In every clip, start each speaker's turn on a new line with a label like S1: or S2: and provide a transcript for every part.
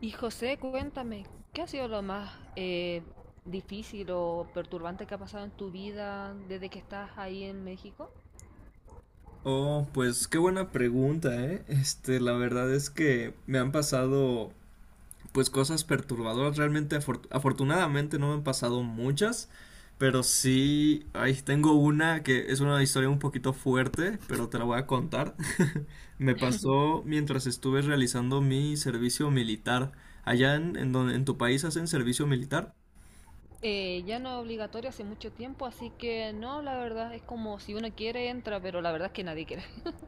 S1: Y José, cuéntame, ¿qué ha sido lo más difícil o perturbante que ha pasado en tu vida desde que estás ahí en México?
S2: Oh, pues qué buena pregunta, ¿eh? La verdad es que me han pasado, pues, cosas perturbadoras. Realmente, afortunadamente no me han pasado muchas, pero sí, ahí tengo una que es una historia un poquito fuerte, pero te la voy a contar. Me pasó mientras estuve realizando mi servicio militar. Allá en donde, en tu país hacen servicio militar.
S1: Ya no es obligatorio hace mucho tiempo, así que no, la verdad es como si uno quiere entra, pero la verdad es que nadie quiere.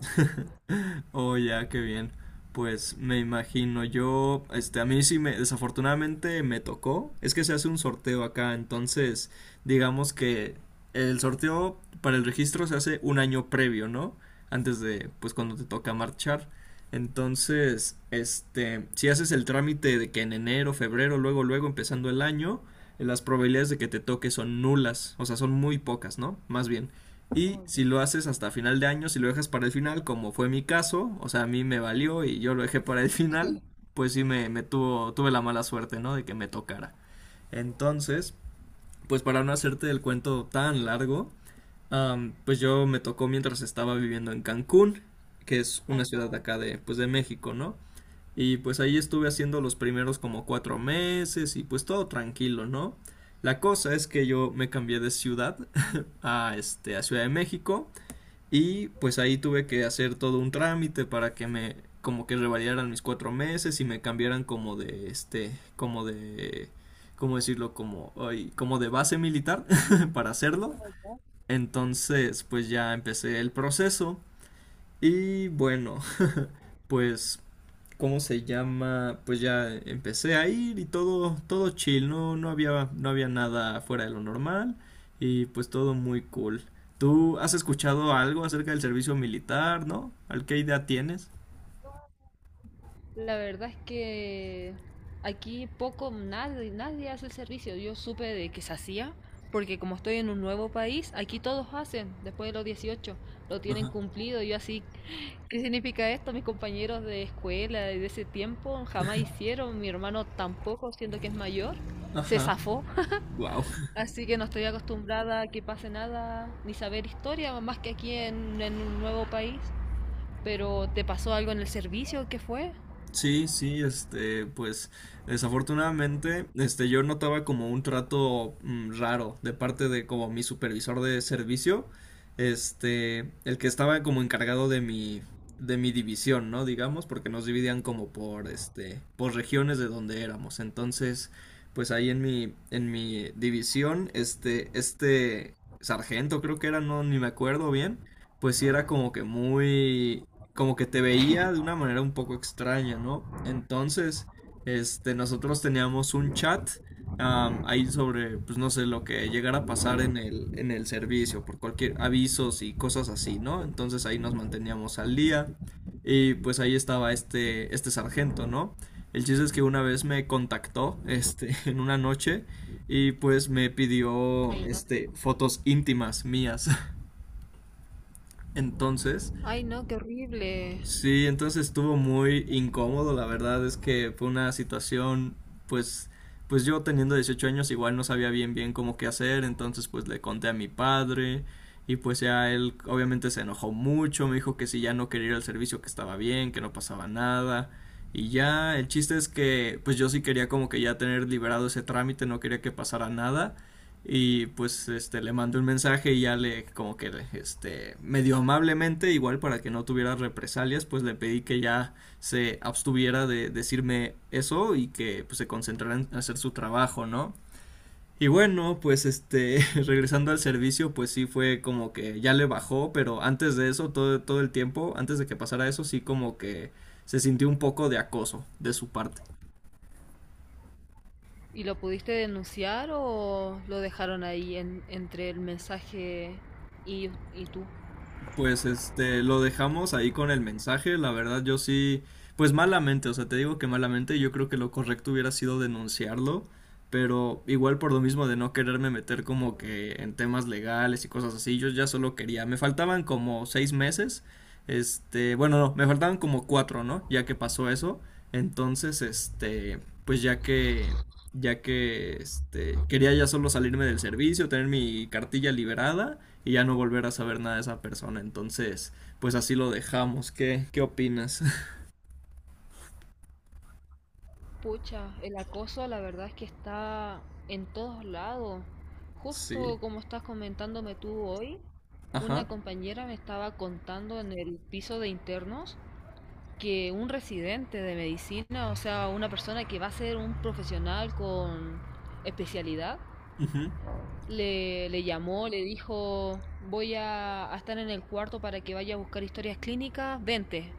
S2: Oh, ya, qué bien. Pues me imagino yo, a mí sí me, desafortunadamente me tocó. Es que se hace un sorteo acá, entonces, digamos que el sorteo para el registro se hace un año previo, ¿no? Antes de, pues, cuando te toca marchar. Entonces, si haces el trámite de que en enero, febrero, luego, luego, empezando el año, las probabilidades de que te toque son nulas, o sea, son muy pocas, ¿no? Más bien. Y si
S1: Oye,
S2: lo haces hasta final de año, si lo dejas para el final, como fue mi caso, o sea, a mí me valió y yo lo dejé para el final, pues sí me tuvo, tuve la mala suerte, ¿no? De que me tocara. Entonces, pues para no hacerte el cuento tan largo, pues yo me tocó mientras estaba viviendo en Cancún, que es
S1: ay
S2: una ciudad de
S1: no,
S2: acá de, pues de México, ¿no? Y pues ahí estuve haciendo los primeros como cuatro meses y pues todo tranquilo, ¿no? La cosa es que yo me cambié de ciudad a Ciudad de México y pues ahí tuve que hacer todo un trámite para que me como que revalidaran mis cuatro meses y me cambiaran como de como de, ¿cómo decirlo? Como, ay, como de base militar para hacerlo.
S1: oye,
S2: Entonces pues ya empecé el proceso y bueno, pues ¿cómo se llama? Pues ya empecé a ir y todo, todo chill, no, no había nada fuera de lo normal y pues todo muy cool. ¿Tú has escuchado algo acerca del servicio militar, no? ¿Al qué idea tienes?
S1: la verdad es que aquí poco, nadie hace el servicio. Yo supe de que se hacía, porque como estoy en un nuevo país, aquí todos hacen, después de los 18 lo tienen cumplido. Yo así ¿qué significa esto? Mis compañeros de escuela de ese tiempo jamás hicieron, mi hermano tampoco, siendo que es mayor, se
S2: Ajá.
S1: zafó.
S2: Wow.
S1: Así que no estoy acostumbrada a que pase nada, ni saber historia, más que aquí en un nuevo país. Pero ¿te pasó algo en el servicio? ¿Qué fue?
S2: Sí, sí, pues desafortunadamente, yo notaba como un trato raro de parte de como mi supervisor de servicio, el que estaba como encargado de mi división, ¿no? Digamos, porque nos dividían como por, por regiones de donde éramos. Entonces, pues ahí en mi división, este sargento creo que era, no, ni me acuerdo bien, pues sí era como que muy como que te veía de una manera un poco extraña, ¿no? Entonces, nosotros teníamos un chat ahí sobre, pues no sé, lo que llegara a pasar en el servicio, por cualquier avisos y cosas así, ¿no? Entonces ahí nos manteníamos al día y pues ahí estaba este sargento, ¿no? El chiste es que una vez me contactó, en una noche y pues me pidió,
S1: Ay, no.
S2: fotos íntimas mías. Entonces,
S1: Ay, no, qué horrible.
S2: sí, entonces estuvo muy incómodo, la verdad es que fue una situación, pues, pues yo teniendo 18 años igual no sabía bien bien cómo qué hacer, entonces pues le conté a mi padre y pues ya él obviamente se enojó mucho, me dijo que si ya no quería ir al servicio que estaba bien, que no pasaba nada y ya el chiste es que pues yo sí quería como que ya tener liberado ese trámite, no quería que pasara nada. Y pues le mandé un mensaje y ya le como que medio amablemente, igual para que no tuviera represalias, pues le pedí que ya se abstuviera de decirme eso y que pues, se concentrara en hacer su trabajo, ¿no? Y bueno, pues regresando al servicio, pues sí fue como que ya le bajó, pero antes de eso, todo, todo el tiempo, antes de que pasara eso, sí como que se sintió un poco de acoso de su parte.
S1: ¿Y lo pudiste denunciar o lo dejaron ahí en- entre el mensaje y, y tú?
S2: Pues lo dejamos ahí con el mensaje. La verdad, yo sí, pues malamente, o sea, te digo que malamente, yo creo que lo correcto hubiera sido denunciarlo, pero igual por lo mismo de no quererme meter como que en temas legales y cosas así, yo ya solo quería, me faltaban como seis meses, bueno, no, me faltaban como cuatro, ¿no? Ya que pasó eso, entonces, pues ya que quería ya solo salirme del servicio, tener mi cartilla liberada y ya no volver a saber nada de esa persona. Entonces, pues así lo dejamos. ¿Qué, qué opinas?
S1: Pucha, el acoso la verdad es que está en todos lados.
S2: Sí.
S1: Justo como estás comentándome tú hoy,
S2: Ajá.
S1: una compañera me estaba contando en el piso de internos que un residente de medicina, o sea, una persona que va a ser un profesional con especialidad,
S2: Ujú.
S1: le llamó, le dijo, voy a estar en el cuarto para que vaya a buscar historias clínicas, vente.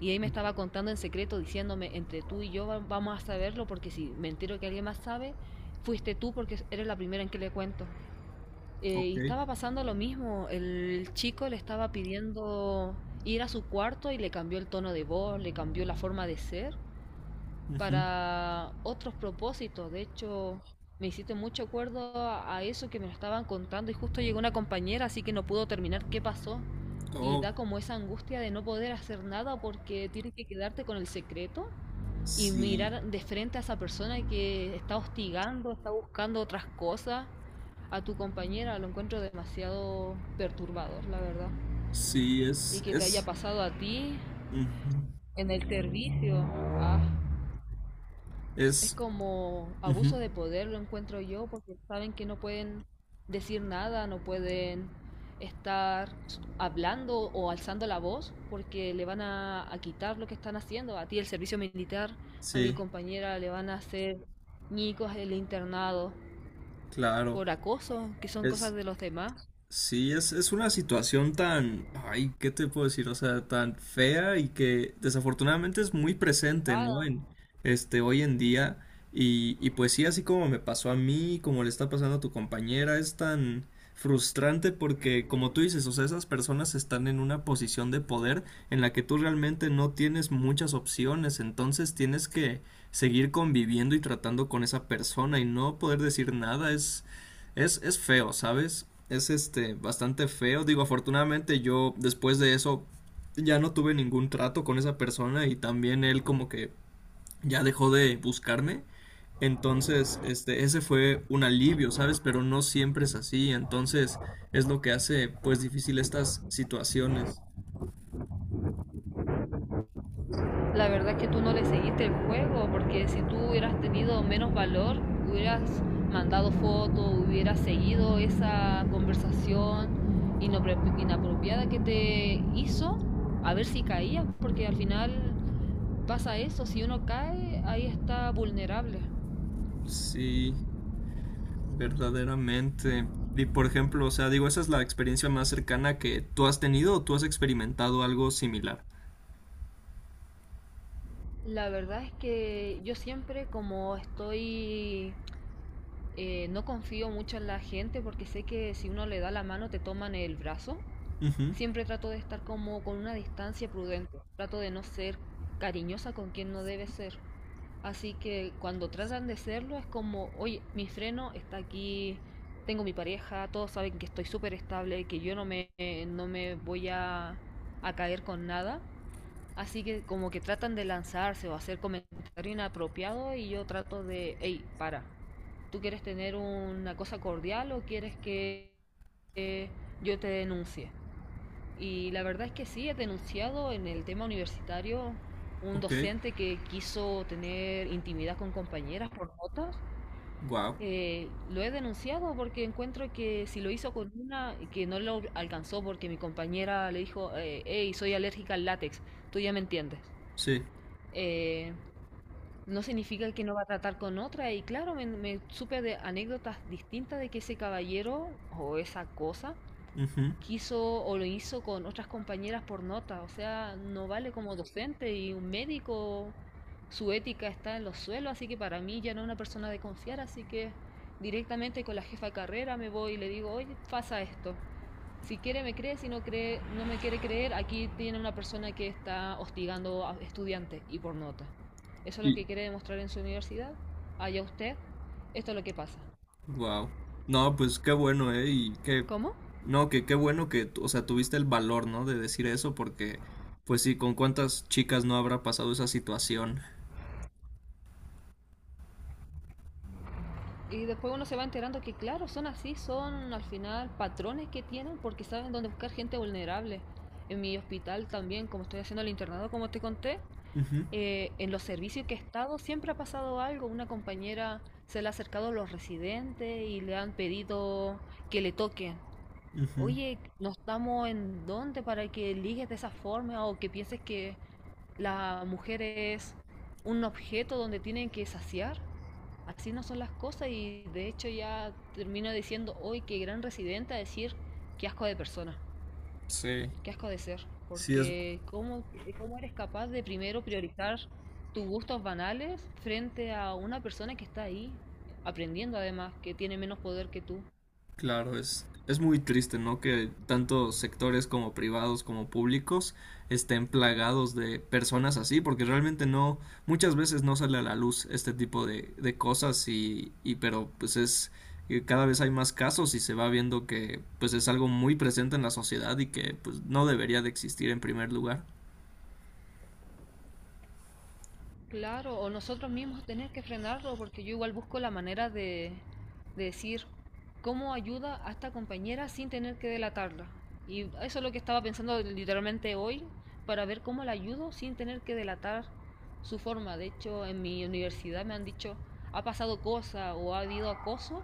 S1: Y ahí me estaba contando en secreto, diciéndome, entre tú y yo vamos a saberlo, porque si me entero que alguien más sabe, fuiste tú porque eres la primera en que le cuento. Y
S2: Ok.
S1: estaba pasando lo mismo, el chico le estaba pidiendo ir a su cuarto y le cambió el tono de voz, le cambió la forma de ser
S2: Ujú.
S1: para otros propósitos. De hecho, me hiciste mucho acuerdo a eso que me lo estaban contando y justo llegó una compañera, así que no pudo terminar qué pasó. Y
S2: Oh,
S1: da como esa angustia de no poder hacer nada porque tienes que quedarte con el secreto y
S2: sí.
S1: mirar de frente a esa persona que está hostigando, está buscando otras cosas. A tu compañera lo encuentro demasiado perturbador, la verdad.
S2: Sí,
S1: Y que te haya pasado a ti
S2: ujú.
S1: en el servicio. Ah. Es
S2: Es,
S1: como
S2: ujú.
S1: abuso de poder, lo encuentro yo, porque saben que no pueden decir nada, no pueden estar hablando o alzando la voz, porque le van a quitar lo que están haciendo. A ti el servicio militar, a mi
S2: Sí,
S1: compañera le van a hacer ñicos el internado
S2: claro.
S1: por acoso, que son cosas
S2: Es,
S1: de los demás.
S2: sí, es una situación tan, ay, ¿qué te puedo decir? O sea, tan fea y que desafortunadamente es muy presente, ¿no?
S1: Nada.
S2: En, hoy en día. Y pues sí, así como me pasó a mí, como le está pasando a tu compañera, es tan frustrante porque, como tú dices, o sea, esas personas están en una posición de poder en la que tú realmente no tienes muchas opciones, entonces tienes que seguir conviviendo y tratando con esa persona y no poder decir nada es, es feo, ¿sabes? Es bastante feo. Digo, afortunadamente yo después de eso ya no tuve ningún trato con esa persona y también él como que ya dejó de buscarme. Entonces, ese fue un alivio, ¿sabes? Pero no siempre es así. Entonces, es lo que hace pues difícil estas situaciones.
S1: La verdad es que tú no le seguiste el juego, porque si tú hubieras tenido menos valor, hubieras mandado fotos, hubieras seguido esa conversación inapropiada que te hizo, a ver si caías, porque al final pasa eso, si uno cae, ahí está vulnerable.
S2: Sí, verdaderamente. Y por ejemplo, o sea, digo, esa es la experiencia más cercana que tú has tenido o tú has experimentado algo similar.
S1: La verdad es que yo siempre como estoy, no confío mucho en la gente porque sé que si uno le da la mano te toman el brazo.
S2: Ujú,
S1: Siempre trato de estar como con una distancia prudente. Trato de no ser cariñosa con quien no debe ser. Así que cuando tratan de serlo es como, oye, mi freno está aquí, tengo mi pareja, todos saben que estoy súper estable, que yo no no me voy a caer con nada. Así que como que tratan de lanzarse o hacer comentario inapropiado y yo trato de, hey, para, ¿tú quieres tener una cosa cordial o quieres que eh, yo te denuncie? Y la verdad es que sí, he denunciado en el tema universitario un
S2: ok.
S1: docente que quiso tener intimidad con compañeras por notas.
S2: Wow.
S1: Lo he denunciado porque encuentro que si lo hizo con una, que no lo alcanzó porque mi compañera le dijo, hey, soy alérgica al látex, tú ya me entiendes.
S2: Sí.
S1: Eh, no significa que no va a tratar con otra y claro, me supe de anécdotas distintas de que ese caballero o esa cosa
S2: Ujú.
S1: quiso o lo hizo con otras compañeras por nota. O sea, no vale como docente y un médico, su ética está en los suelos, así que para mí ya no es una persona de confiar, así que directamente con la jefa de carrera me voy y le digo, oye, pasa esto. Si quiere me cree, si no cree, no me quiere creer, aquí tiene una persona que está hostigando a estudiantes y por nota. Eso es lo
S2: Y
S1: que quiere demostrar en su universidad. Allá usted, esto es lo que pasa.
S2: wow. No, pues qué bueno, ¿eh? Y qué
S1: ¿Cómo?
S2: no, que qué bueno que, tú- o sea, tuviste el valor, ¿no? De decir eso porque pues sí, con cuántas chicas no habrá pasado esa situación.
S1: Y después uno se va enterando que, claro, son así, son al final patrones que tienen porque saben dónde buscar gente vulnerable. En mi hospital también, como estoy haciendo el internado, como te conté,
S2: Ujú,
S1: en los servicios que he estado siempre ha pasado algo. Una compañera se le ha acercado a los residentes y le han pedido que le toquen.
S2: ujú.
S1: Oye, no estamos en dónde para que ligues de esa forma o que pienses que la mujer es un objeto donde tienen que saciar. Así no son las cosas y de hecho ya termino diciendo hoy que gran residente a decir qué asco de persona,
S2: Sí,
S1: qué asco de ser,
S2: sí, es,
S1: porque ¿cómo, cómo eres capaz de primero priorizar tus gustos banales frente a una persona que está ahí aprendiendo además, que tiene menos poder que tú?
S2: claro, es muy triste, ¿no? Que tanto sectores como privados como públicos estén plagados de personas así, porque realmente no, muchas veces no sale a la luz este tipo de cosas y pero pues es, y cada vez hay más casos y se va viendo que pues es algo muy presente en la sociedad y que pues no debería de existir en primer lugar.
S1: Claro, o nosotros mismos tener que frenarlo, porque yo igual busco la manera de decir cómo ayuda a esta compañera sin tener que delatarla. Y eso es lo que estaba pensando literalmente hoy, para ver cómo la ayudo sin tener que delatar su forma. De hecho, en mi universidad me han dicho, ha pasado cosa o ha habido acoso,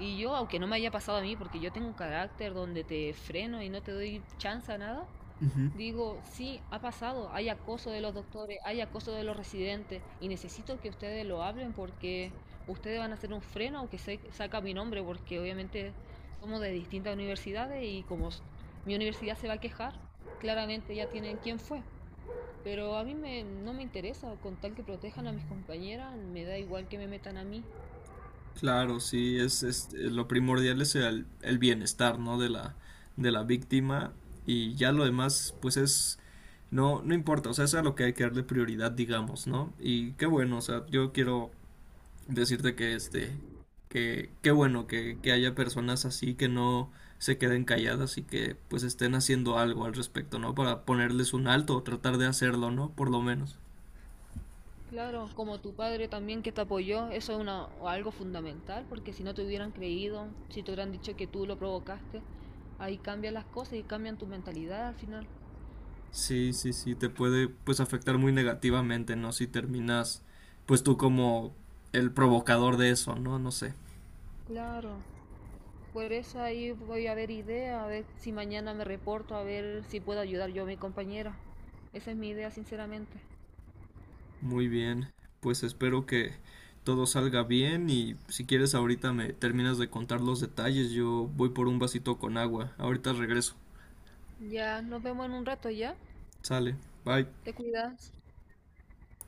S1: y yo, aunque no me haya pasado a mí, porque yo tengo un carácter donde te freno y no te doy chance a nada,
S2: Ujú.
S1: digo, sí, ha pasado, hay acoso de los doctores, hay acoso de los residentes y necesito que ustedes lo hablen porque ustedes van a hacer un freno aunque se saca mi nombre porque obviamente somos de distintas universidades y como mi universidad se va a quejar, claramente ya tienen quién fue. Pero a mí me- no me interesa, con tal que protejan a mis compañeras, me da igual que me metan a mí.
S2: Claro, sí, lo primordial es el bienestar, ¿no? De la víctima y ya lo demás pues es no, no importa, o sea, eso es a lo que hay que darle prioridad, digamos, ¿no? Y qué bueno, o sea, yo quiero decirte que que qué bueno que haya personas así que no se queden calladas y que pues estén haciendo algo al respecto, ¿no? Para ponerles un alto o tratar de hacerlo, ¿no? Por lo menos.
S1: Claro, como tu padre también que te apoyó, eso es una, algo fundamental, porque si no te hubieran creído, si te hubieran dicho que tú lo provocaste, ahí cambian las cosas y cambian tu mentalidad al final.
S2: Sí, sí, sí, te puede pues afectar muy negativamente, ¿no? Si terminas pues tú como el provocador de eso, ¿no? No sé.
S1: Claro, por eso ahí voy a ver idea, a ver si mañana me reporto, a ver si puedo ayudar yo a mi compañera. Esa es mi idea, sinceramente.
S2: Muy bien, pues espero que todo salga bien y si quieres ahorita me terminas de contar los detalles, yo voy por un vasito con agua, ahorita regreso,
S1: Ya, nos vemos en un rato, ¿ya?
S2: sale, bye.
S1: Te cuidas.